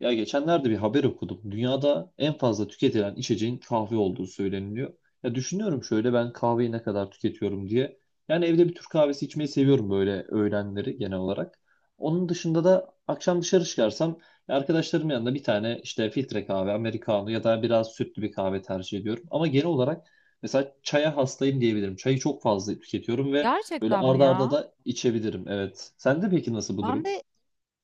Ya geçenlerde bir haber okudum. Dünyada en fazla tüketilen içeceğin kahve olduğu söyleniliyor. Ya düşünüyorum şöyle ben kahveyi ne kadar tüketiyorum diye. Yani evde bir Türk kahvesi içmeyi seviyorum böyle öğlenleri genel olarak. Onun dışında da akşam dışarı çıkarsam ya arkadaşlarım yanında bir tane işte filtre kahve, americano ya da biraz sütlü bir kahve tercih ediyorum. Ama genel olarak mesela çaya hastayım diyebilirim. Çayı çok fazla tüketiyorum ve böyle Gerçekten mi arda arda ya? da içebilirim. Evet. Sende peki nasıl bu Ben durum? de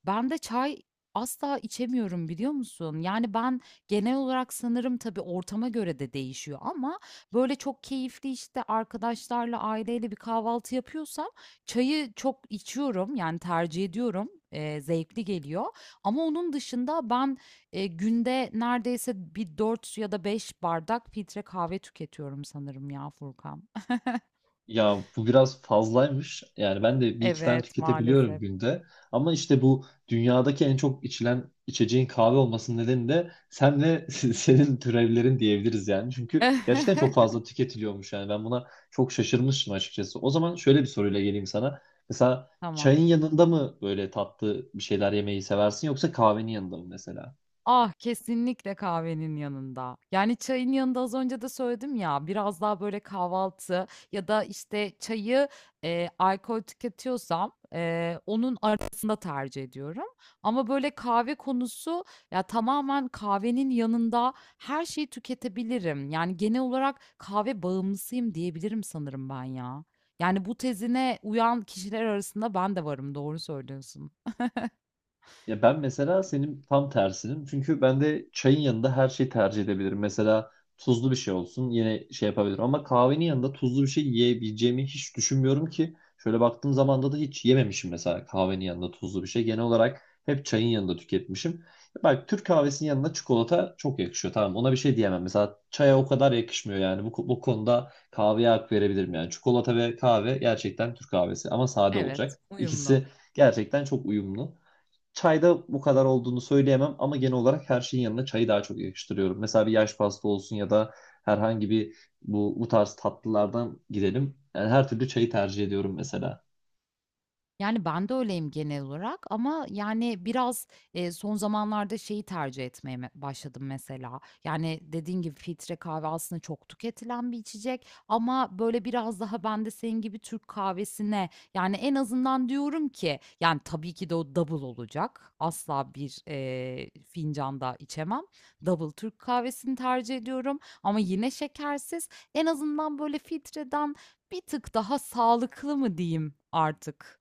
ben de çay asla içemiyorum biliyor musun? Yani ben genel olarak sanırım tabii ortama göre de değişiyor ama böyle çok keyifli işte arkadaşlarla aileyle bir kahvaltı yapıyorsam çayı çok içiyorum yani tercih ediyorum. Zevkli geliyor. Ama onun dışında ben günde neredeyse bir 4 ya da 5 bardak filtre kahve tüketiyorum sanırım ya Furkan. Ya bu biraz fazlaymış. Yani ben de bir iki tane Evet, tüketebiliyorum maalesef. günde. Ama işte bu dünyadaki en çok içilen içeceğin kahve olmasının nedeni de sen ve senin türevlerin diyebiliriz yani. Çünkü gerçekten çok fazla tüketiliyormuş yani. Ben buna çok şaşırmıştım açıkçası. O zaman şöyle bir soruyla geleyim sana. Mesela çayın Tamam. yanında mı böyle tatlı bir şeyler yemeyi seversin yoksa kahvenin yanında mı mesela? Ah, kesinlikle kahvenin yanında. Yani çayın yanında az önce de söyledim ya biraz daha böyle kahvaltı ya da işte çayı alkol tüketiyorsam onun arasında tercih ediyorum. Ama böyle kahve konusu ya tamamen kahvenin yanında her şeyi tüketebilirim. Yani genel olarak kahve bağımlısıyım diyebilirim sanırım ben ya. Yani bu tezine uyan kişiler arasında ben de varım, doğru söylüyorsun. Ya ben mesela senin tam tersinim. Çünkü ben de çayın yanında her şeyi tercih edebilirim. Mesela tuzlu bir şey olsun yine şey yapabilirim. Ama kahvenin yanında tuzlu bir şey yiyebileceğimi hiç düşünmüyorum ki. Şöyle baktığım zamanda da hiç yememişim mesela kahvenin yanında tuzlu bir şey. Genel olarak hep çayın yanında tüketmişim. Bak Türk kahvesinin yanına çikolata çok yakışıyor. Tamam ona bir şey diyemem. Mesela çaya o kadar yakışmıyor yani. Bu konuda kahveye hak verebilirim yani. Çikolata ve kahve gerçekten Türk kahvesi ama sade Evet, olacak. İkisi uyumlu. gerçekten çok uyumlu. Çayda bu kadar olduğunu söyleyemem ama genel olarak her şeyin yanına çayı daha çok yakıştırıyorum. Mesela bir yaş pasta olsun ya da herhangi bir bu tarz tatlılardan gidelim. Yani her türlü çayı tercih ediyorum mesela. Yani ben de öyleyim genel olarak ama yani biraz son zamanlarda şeyi tercih etmeye başladım mesela. Yani dediğin gibi filtre kahve aslında çok tüketilen bir içecek ama böyle biraz daha ben de senin gibi Türk kahvesine yani en azından diyorum ki yani tabii ki de o double olacak. Asla bir fincanda içemem. Double Türk kahvesini tercih ediyorum ama yine şekersiz. En azından böyle filtreden bir tık daha sağlıklı mı diyeyim artık?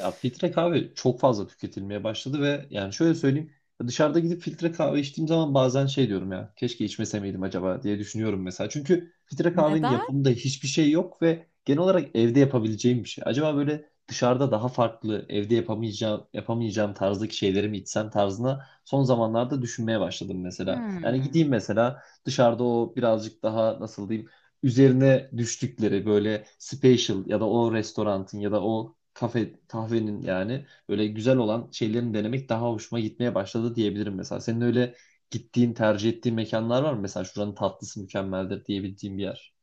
Ya filtre kahve çok fazla tüketilmeye başladı ve yani şöyle söyleyeyim dışarıda gidip filtre kahve içtiğim zaman bazen şey diyorum ya keşke içmese miydim acaba diye düşünüyorum mesela. Çünkü filtre kahvenin Neden? yapımında hiçbir şey yok ve genel olarak evde yapabileceğim bir şey. Acaba böyle dışarıda daha farklı evde yapamayacağım tarzdaki şeyleri mi içsem tarzına son zamanlarda düşünmeye başladım mesela. Yani gideyim Hımm. mesela dışarıda o birazcık daha nasıl diyeyim üzerine düştükleri böyle special ya da o restoranın ya da o kafe kahvenin yani böyle güzel olan şeylerini denemek daha hoşuma gitmeye başladı diyebilirim mesela. Senin öyle gittiğin, tercih ettiğin mekanlar var mı? Mesela şuranın tatlısı mükemmeldir diyebildiğin bir yer.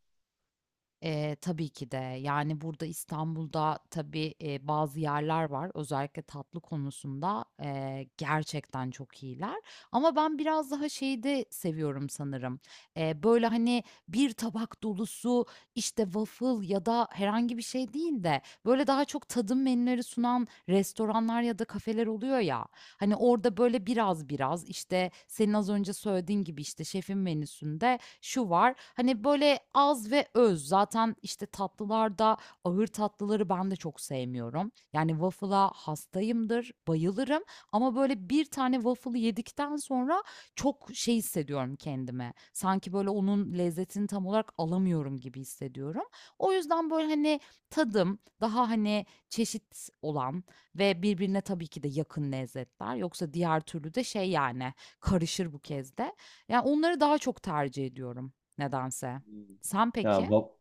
Tabii ki de. Yani, burada İstanbul'da tabii, bazı yerler var. Özellikle tatlı konusunda, gerçekten çok iyiler ama ben biraz daha şeyi de seviyorum sanırım. Böyle, hani, bir tabak dolusu, işte, waffle ya da herhangi bir şey değil de, böyle, daha çok tadım menüleri sunan restoranlar ya da kafeler oluyor ya, hani, orada, böyle, biraz biraz, işte, senin az önce söylediğin gibi, işte, şefin menüsünde şu var. Hani, böyle, az ve öz. Zaten, işte, tatlılarda ağır tatlıları ben de çok sevmiyorum. Yani, waffle'a hastayımdır, bayılırım ama, böyle, bir tane waffle'ı yedikten sonra çok şey hissediyorum kendime. Sanki, böyle, onun lezzetini tam olarak alamıyorum gibi hissediyorum. O yüzden, böyle, hani, tadım daha, hani, çeşit olan ve birbirine tabii ki de yakın lezzetler. Yoksa diğer türlü de şey, yani, karışır bu kez de. Ya, onları daha çok tercih ediyorum nedense. Hmm. Sen Ya peki? wa-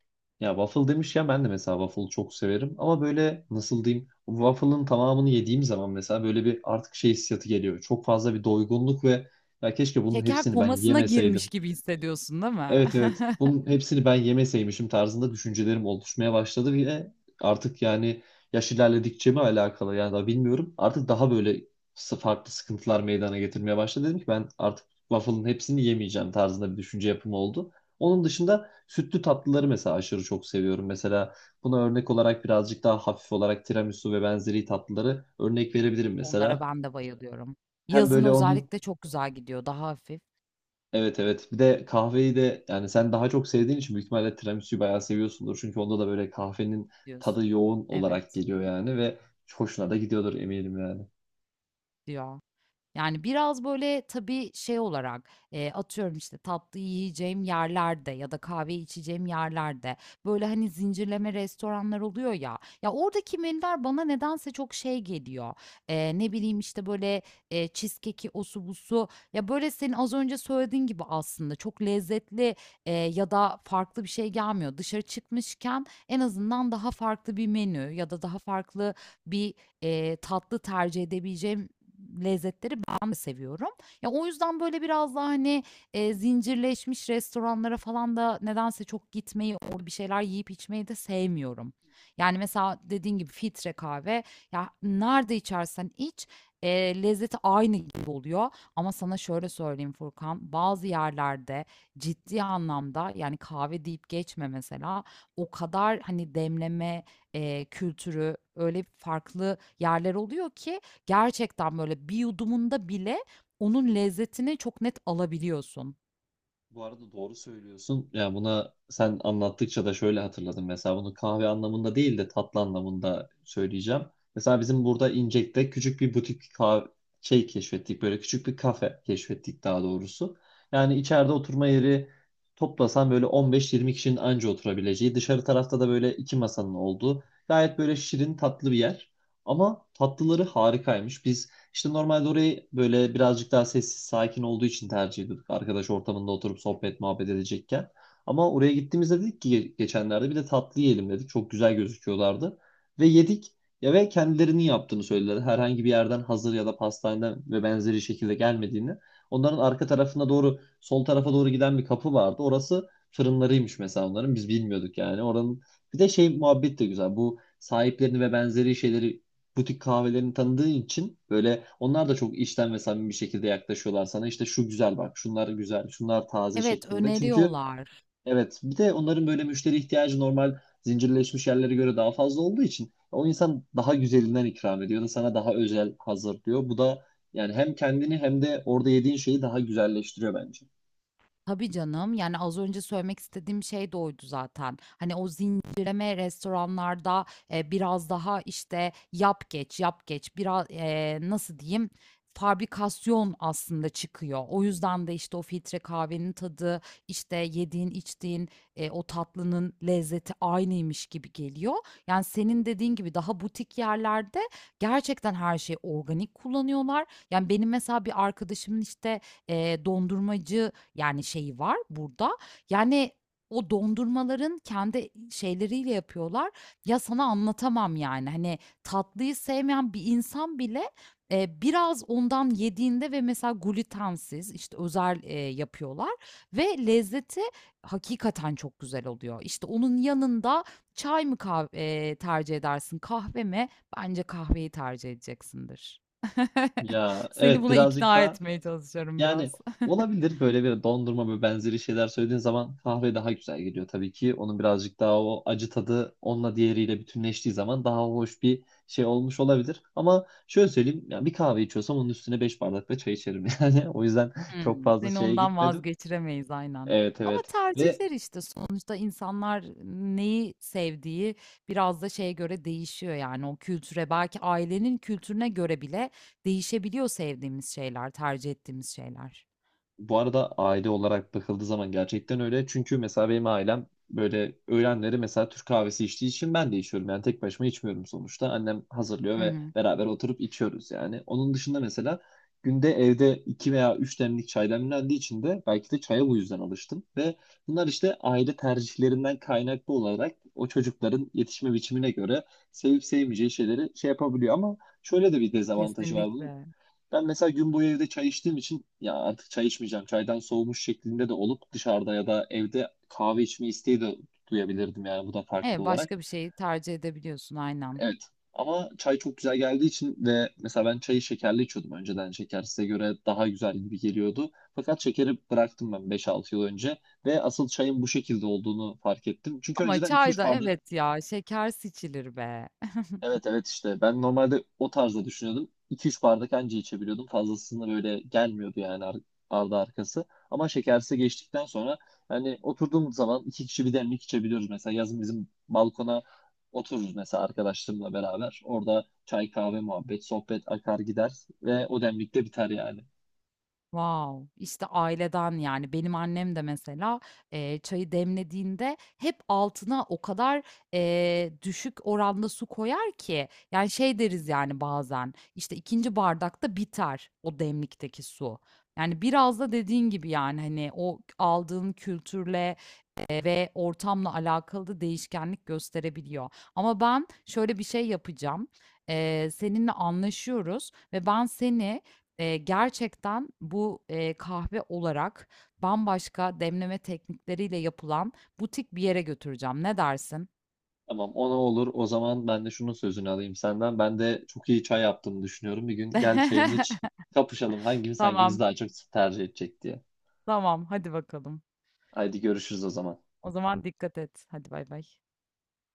ya waffle demiş ya ben de mesela waffle çok severim ama böyle nasıl diyeyim waffle'ın tamamını yediğim zaman mesela böyle bir artık şey hissiyatı geliyor. Çok fazla bir doygunluk ve ya keşke bunun Şeker hepsini ben komasına girmiş yemeseydim. gibi hissediyorsun, değil mi? Evet, evet. Bunun hepsini ben yemeseymişim tarzında düşüncelerim oluşmaya başladı ve artık yani yaş ilerledikçe mi alakalı yani daha bilmiyorum. Artık daha böyle farklı sıkıntılar meydana getirmeye başladı. Dedim ki ben artık waffle'ın hepsini yemeyeceğim tarzında bir düşünce yapımı oldu. Onun dışında sütlü tatlıları mesela aşırı çok seviyorum. Mesela buna örnek olarak birazcık daha hafif olarak tiramisu ve benzeri tatlıları örnek verebilirim Onlara mesela. ben de bayılıyorum. Hem Yazın böyle onun. özellikle çok güzel gidiyor, daha hafif Evet, evet. Bir de kahveyi de yani sen daha çok sevdiğin için büyük ihtimalle tiramisu'yu bayağı seviyorsundur. Çünkü onda da böyle kahvenin tadı diyorsun. yoğun olarak Evet, geliyor yani ve hoşuna da gidiyordur eminim yani. ya. Yani, biraz, böyle, tabii, şey olarak, atıyorum, işte, tatlı yiyeceğim yerlerde ya da kahve içeceğim yerlerde, böyle, hani, zincirleme restoranlar oluyor ya, ya, oradaki menüler bana nedense çok şey geliyor. Ne bileyim, işte, böyle, cheesecake'i, osu busu, ya, böyle, senin az önce söylediğin gibi aslında çok lezzetli, ya da farklı bir şey gelmiyor. Dışarı çıkmışken en azından daha farklı bir menü ya da daha farklı bir, tatlı tercih edebileceğim lezzetleri ben de seviyorum. Ya, o yüzden, böyle, biraz daha, hani, zincirleşmiş restoranlara falan da nedense çok gitmeyi, orada bir şeyler yiyip içmeyi de sevmiyorum. Yani, mesela dediğin gibi filtre kahve, ya, nerede içersen iç, lezzeti aynı gibi oluyor ama sana şöyle söyleyeyim Furkan, bazı yerlerde ciddi anlamda, yani, kahve deyip geçme mesela, o kadar, hani, demleme, kültürü öyle farklı yerler oluyor ki gerçekten böyle bir yudumunda bile onun lezzetini çok net alabiliyorsun. Bu arada doğru söylüyorsun. Ya buna sen anlattıkça da şöyle hatırladım. Mesela bunu kahve anlamında değil de tatlı anlamında söyleyeceğim. Mesela bizim burada İncek'te küçük bir butik kahve şey keşfettik. Böyle küçük bir kafe keşfettik daha doğrusu. Yani içeride oturma yeri toplasan böyle 15-20 kişinin anca oturabileceği. Dışarı tarafta da böyle iki masanın olduğu. Gayet böyle şirin tatlı bir yer. Ama tatlıları harikaymış. Biz işte normalde orayı böyle birazcık daha sessiz, sakin olduğu için tercih ediyorduk. Arkadaş ortamında oturup sohbet, muhabbet edecekken. Ama oraya gittiğimizde dedik ki geçenlerde bir de tatlı yiyelim dedik. Çok güzel gözüküyorlardı. Ve yedik. Ya ve kendilerinin yaptığını söylediler. Herhangi bir yerden hazır ya da pastaneden ve benzeri şekilde gelmediğini. Onların arka tarafına doğru, sol tarafa doğru giden bir kapı vardı. Orası fırınlarıymış mesela onların. Biz bilmiyorduk yani. Oranın bir de şey muhabbet de güzel. Bu sahiplerini ve benzeri şeyleri butik kahvelerini tanıdığı için böyle onlar da çok içten ve samimi bir şekilde yaklaşıyorlar sana. İşte şu güzel bak, şunlar güzel, şunlar taze Evet, şeklinde. Çünkü öneriyorlar. evet bir de onların böyle müşteri ihtiyacı normal zincirleşmiş yerlere göre daha fazla olduğu için o insan daha güzelinden ikram ediyor da sana daha özel hazırlıyor. Bu da yani hem kendini hem de orada yediğin şeyi daha güzelleştiriyor bence. Tabii canım, yani, az önce söylemek istediğim şey de oydu zaten. Hani, o zincirleme restoranlarda, biraz daha, işte, yap geç, yap geç, biraz nasıl diyeyim, fabrikasyon aslında çıkıyor. O yüzden de, işte, o filtre kahvenin tadı, işte, yediğin, içtiğin, o tatlının lezzeti aynıymış gibi geliyor. Yani, senin dediğin gibi daha butik yerlerde gerçekten her şeyi organik kullanıyorlar. Yani, benim mesela bir arkadaşımın, işte, dondurmacı yani şeyi var burada. Yani o dondurmaların kendi şeyleriyle yapıyorlar. Ya sana anlatamam yani. Hani tatlıyı sevmeyen bir insan bile biraz ondan yediğinde ve mesela glutensiz işte özel yapıyorlar ve lezzeti hakikaten çok güzel oluyor. İşte onun yanında çay mı tercih edersin, kahve mi? Bence kahveyi tercih edeceksindir. Ya Seni evet buna birazcık ikna da. etmeye çalışıyorum Yani biraz. olabilir böyle bir dondurma ve benzeri şeyler söylediğin zaman kahve daha güzel geliyor tabii ki. Onun birazcık daha o acı tadı onunla diğeriyle bütünleştiği zaman daha hoş bir şey olmuş olabilir. Ama şöyle söyleyeyim ya bir kahve içiyorsam onun üstüne 5 bardak da çay içerim yani. O yüzden çok Hımm. fazla Seni şeye ondan gitmedim. vazgeçiremeyiz aynen. Evet, Ama evet. Ve tercihler işte sonuçta insanlar neyi sevdiği biraz da şeye göre değişiyor yani o kültüre belki ailenin kültürüne göre bile değişebiliyor sevdiğimiz şeyler, tercih ettiğimiz şeyler. bu arada aile olarak bakıldığı zaman gerçekten öyle. Çünkü mesela benim ailem böyle öğlenleri mesela Türk kahvesi içtiği için ben de içiyorum. Yani tek başıma içmiyorum sonuçta. Annem hazırlıyor Hı ve hı. beraber oturup içiyoruz yani. Onun dışında mesela günde evde 2 veya 3 demlik çay demlendiği için de belki de çaya bu yüzden alıştım. Ve bunlar işte aile tercihlerinden kaynaklı olarak o çocukların yetişme biçimine göre sevip sevmeyeceği şeyleri şey yapabiliyor. Ama şöyle de bir dezavantajı var bunun. Kesinlikle. Ben mesela gün boyu evde çay içtiğim için ya artık çay içmeyeceğim. Çaydan soğumuş şeklinde de olup dışarıda ya da evde kahve içme isteği de duyabilirdim yani bu da farklı Evet, olarak. başka bir şeyi tercih edebiliyorsun aynen. Evet. Ama çay çok güzel geldiği için ve mesela ben çayı şekerli içiyordum önceden. Şeker size göre daha güzel gibi geliyordu. Fakat şekeri bıraktım ben 5 altı yıl önce ve asıl çayın bu şekilde olduğunu fark ettim. Çünkü Ama önceden iki çay üç da bardak evet ya, şeker içilir be. Evet, evet, işte ben normalde o tarzda düşünüyordum. iki üç bardak anca içebiliyordum. Fazlasını böyle gelmiyordu yani ardı arkası. Ama şekersiz geçtikten sonra hani oturduğumuz zaman 2 kişi 1 demlik içebiliyoruz. Mesela yazın bizim balkona otururuz mesela arkadaşlarımla beraber. Orada çay kahve muhabbet sohbet akar gider ve o demlik de biter yani. Wow! işte aileden, yani, benim annem de mesela, çayı demlediğinde hep altına o kadar, düşük oranda su koyar ki, yani, şey deriz, yani, bazen, işte, ikinci bardakta biter o demlikteki su. Yani, biraz da dediğin gibi, yani, hani, o aldığın kültürle, ve ortamla alakalı değişkenlik gösterebiliyor. Ama ben şöyle bir şey yapacağım. Seninle anlaşıyoruz ve ben seni gerçekten bu kahve olarak bambaşka demleme teknikleriyle yapılan butik bir yere götüreceğim. Ne dersin? Tamam ona olur o zaman ben de şunun sözünü alayım senden. Ben de çok iyi çay yaptığımı düşünüyorum. Bir gün gel çayımı iç, kapışalım hangimiz Tamam, daha çok tercih edecek diye tamam. Hadi bakalım. Haydi görüşürüz o zaman. O zaman dikkat et. Hadi bay bay.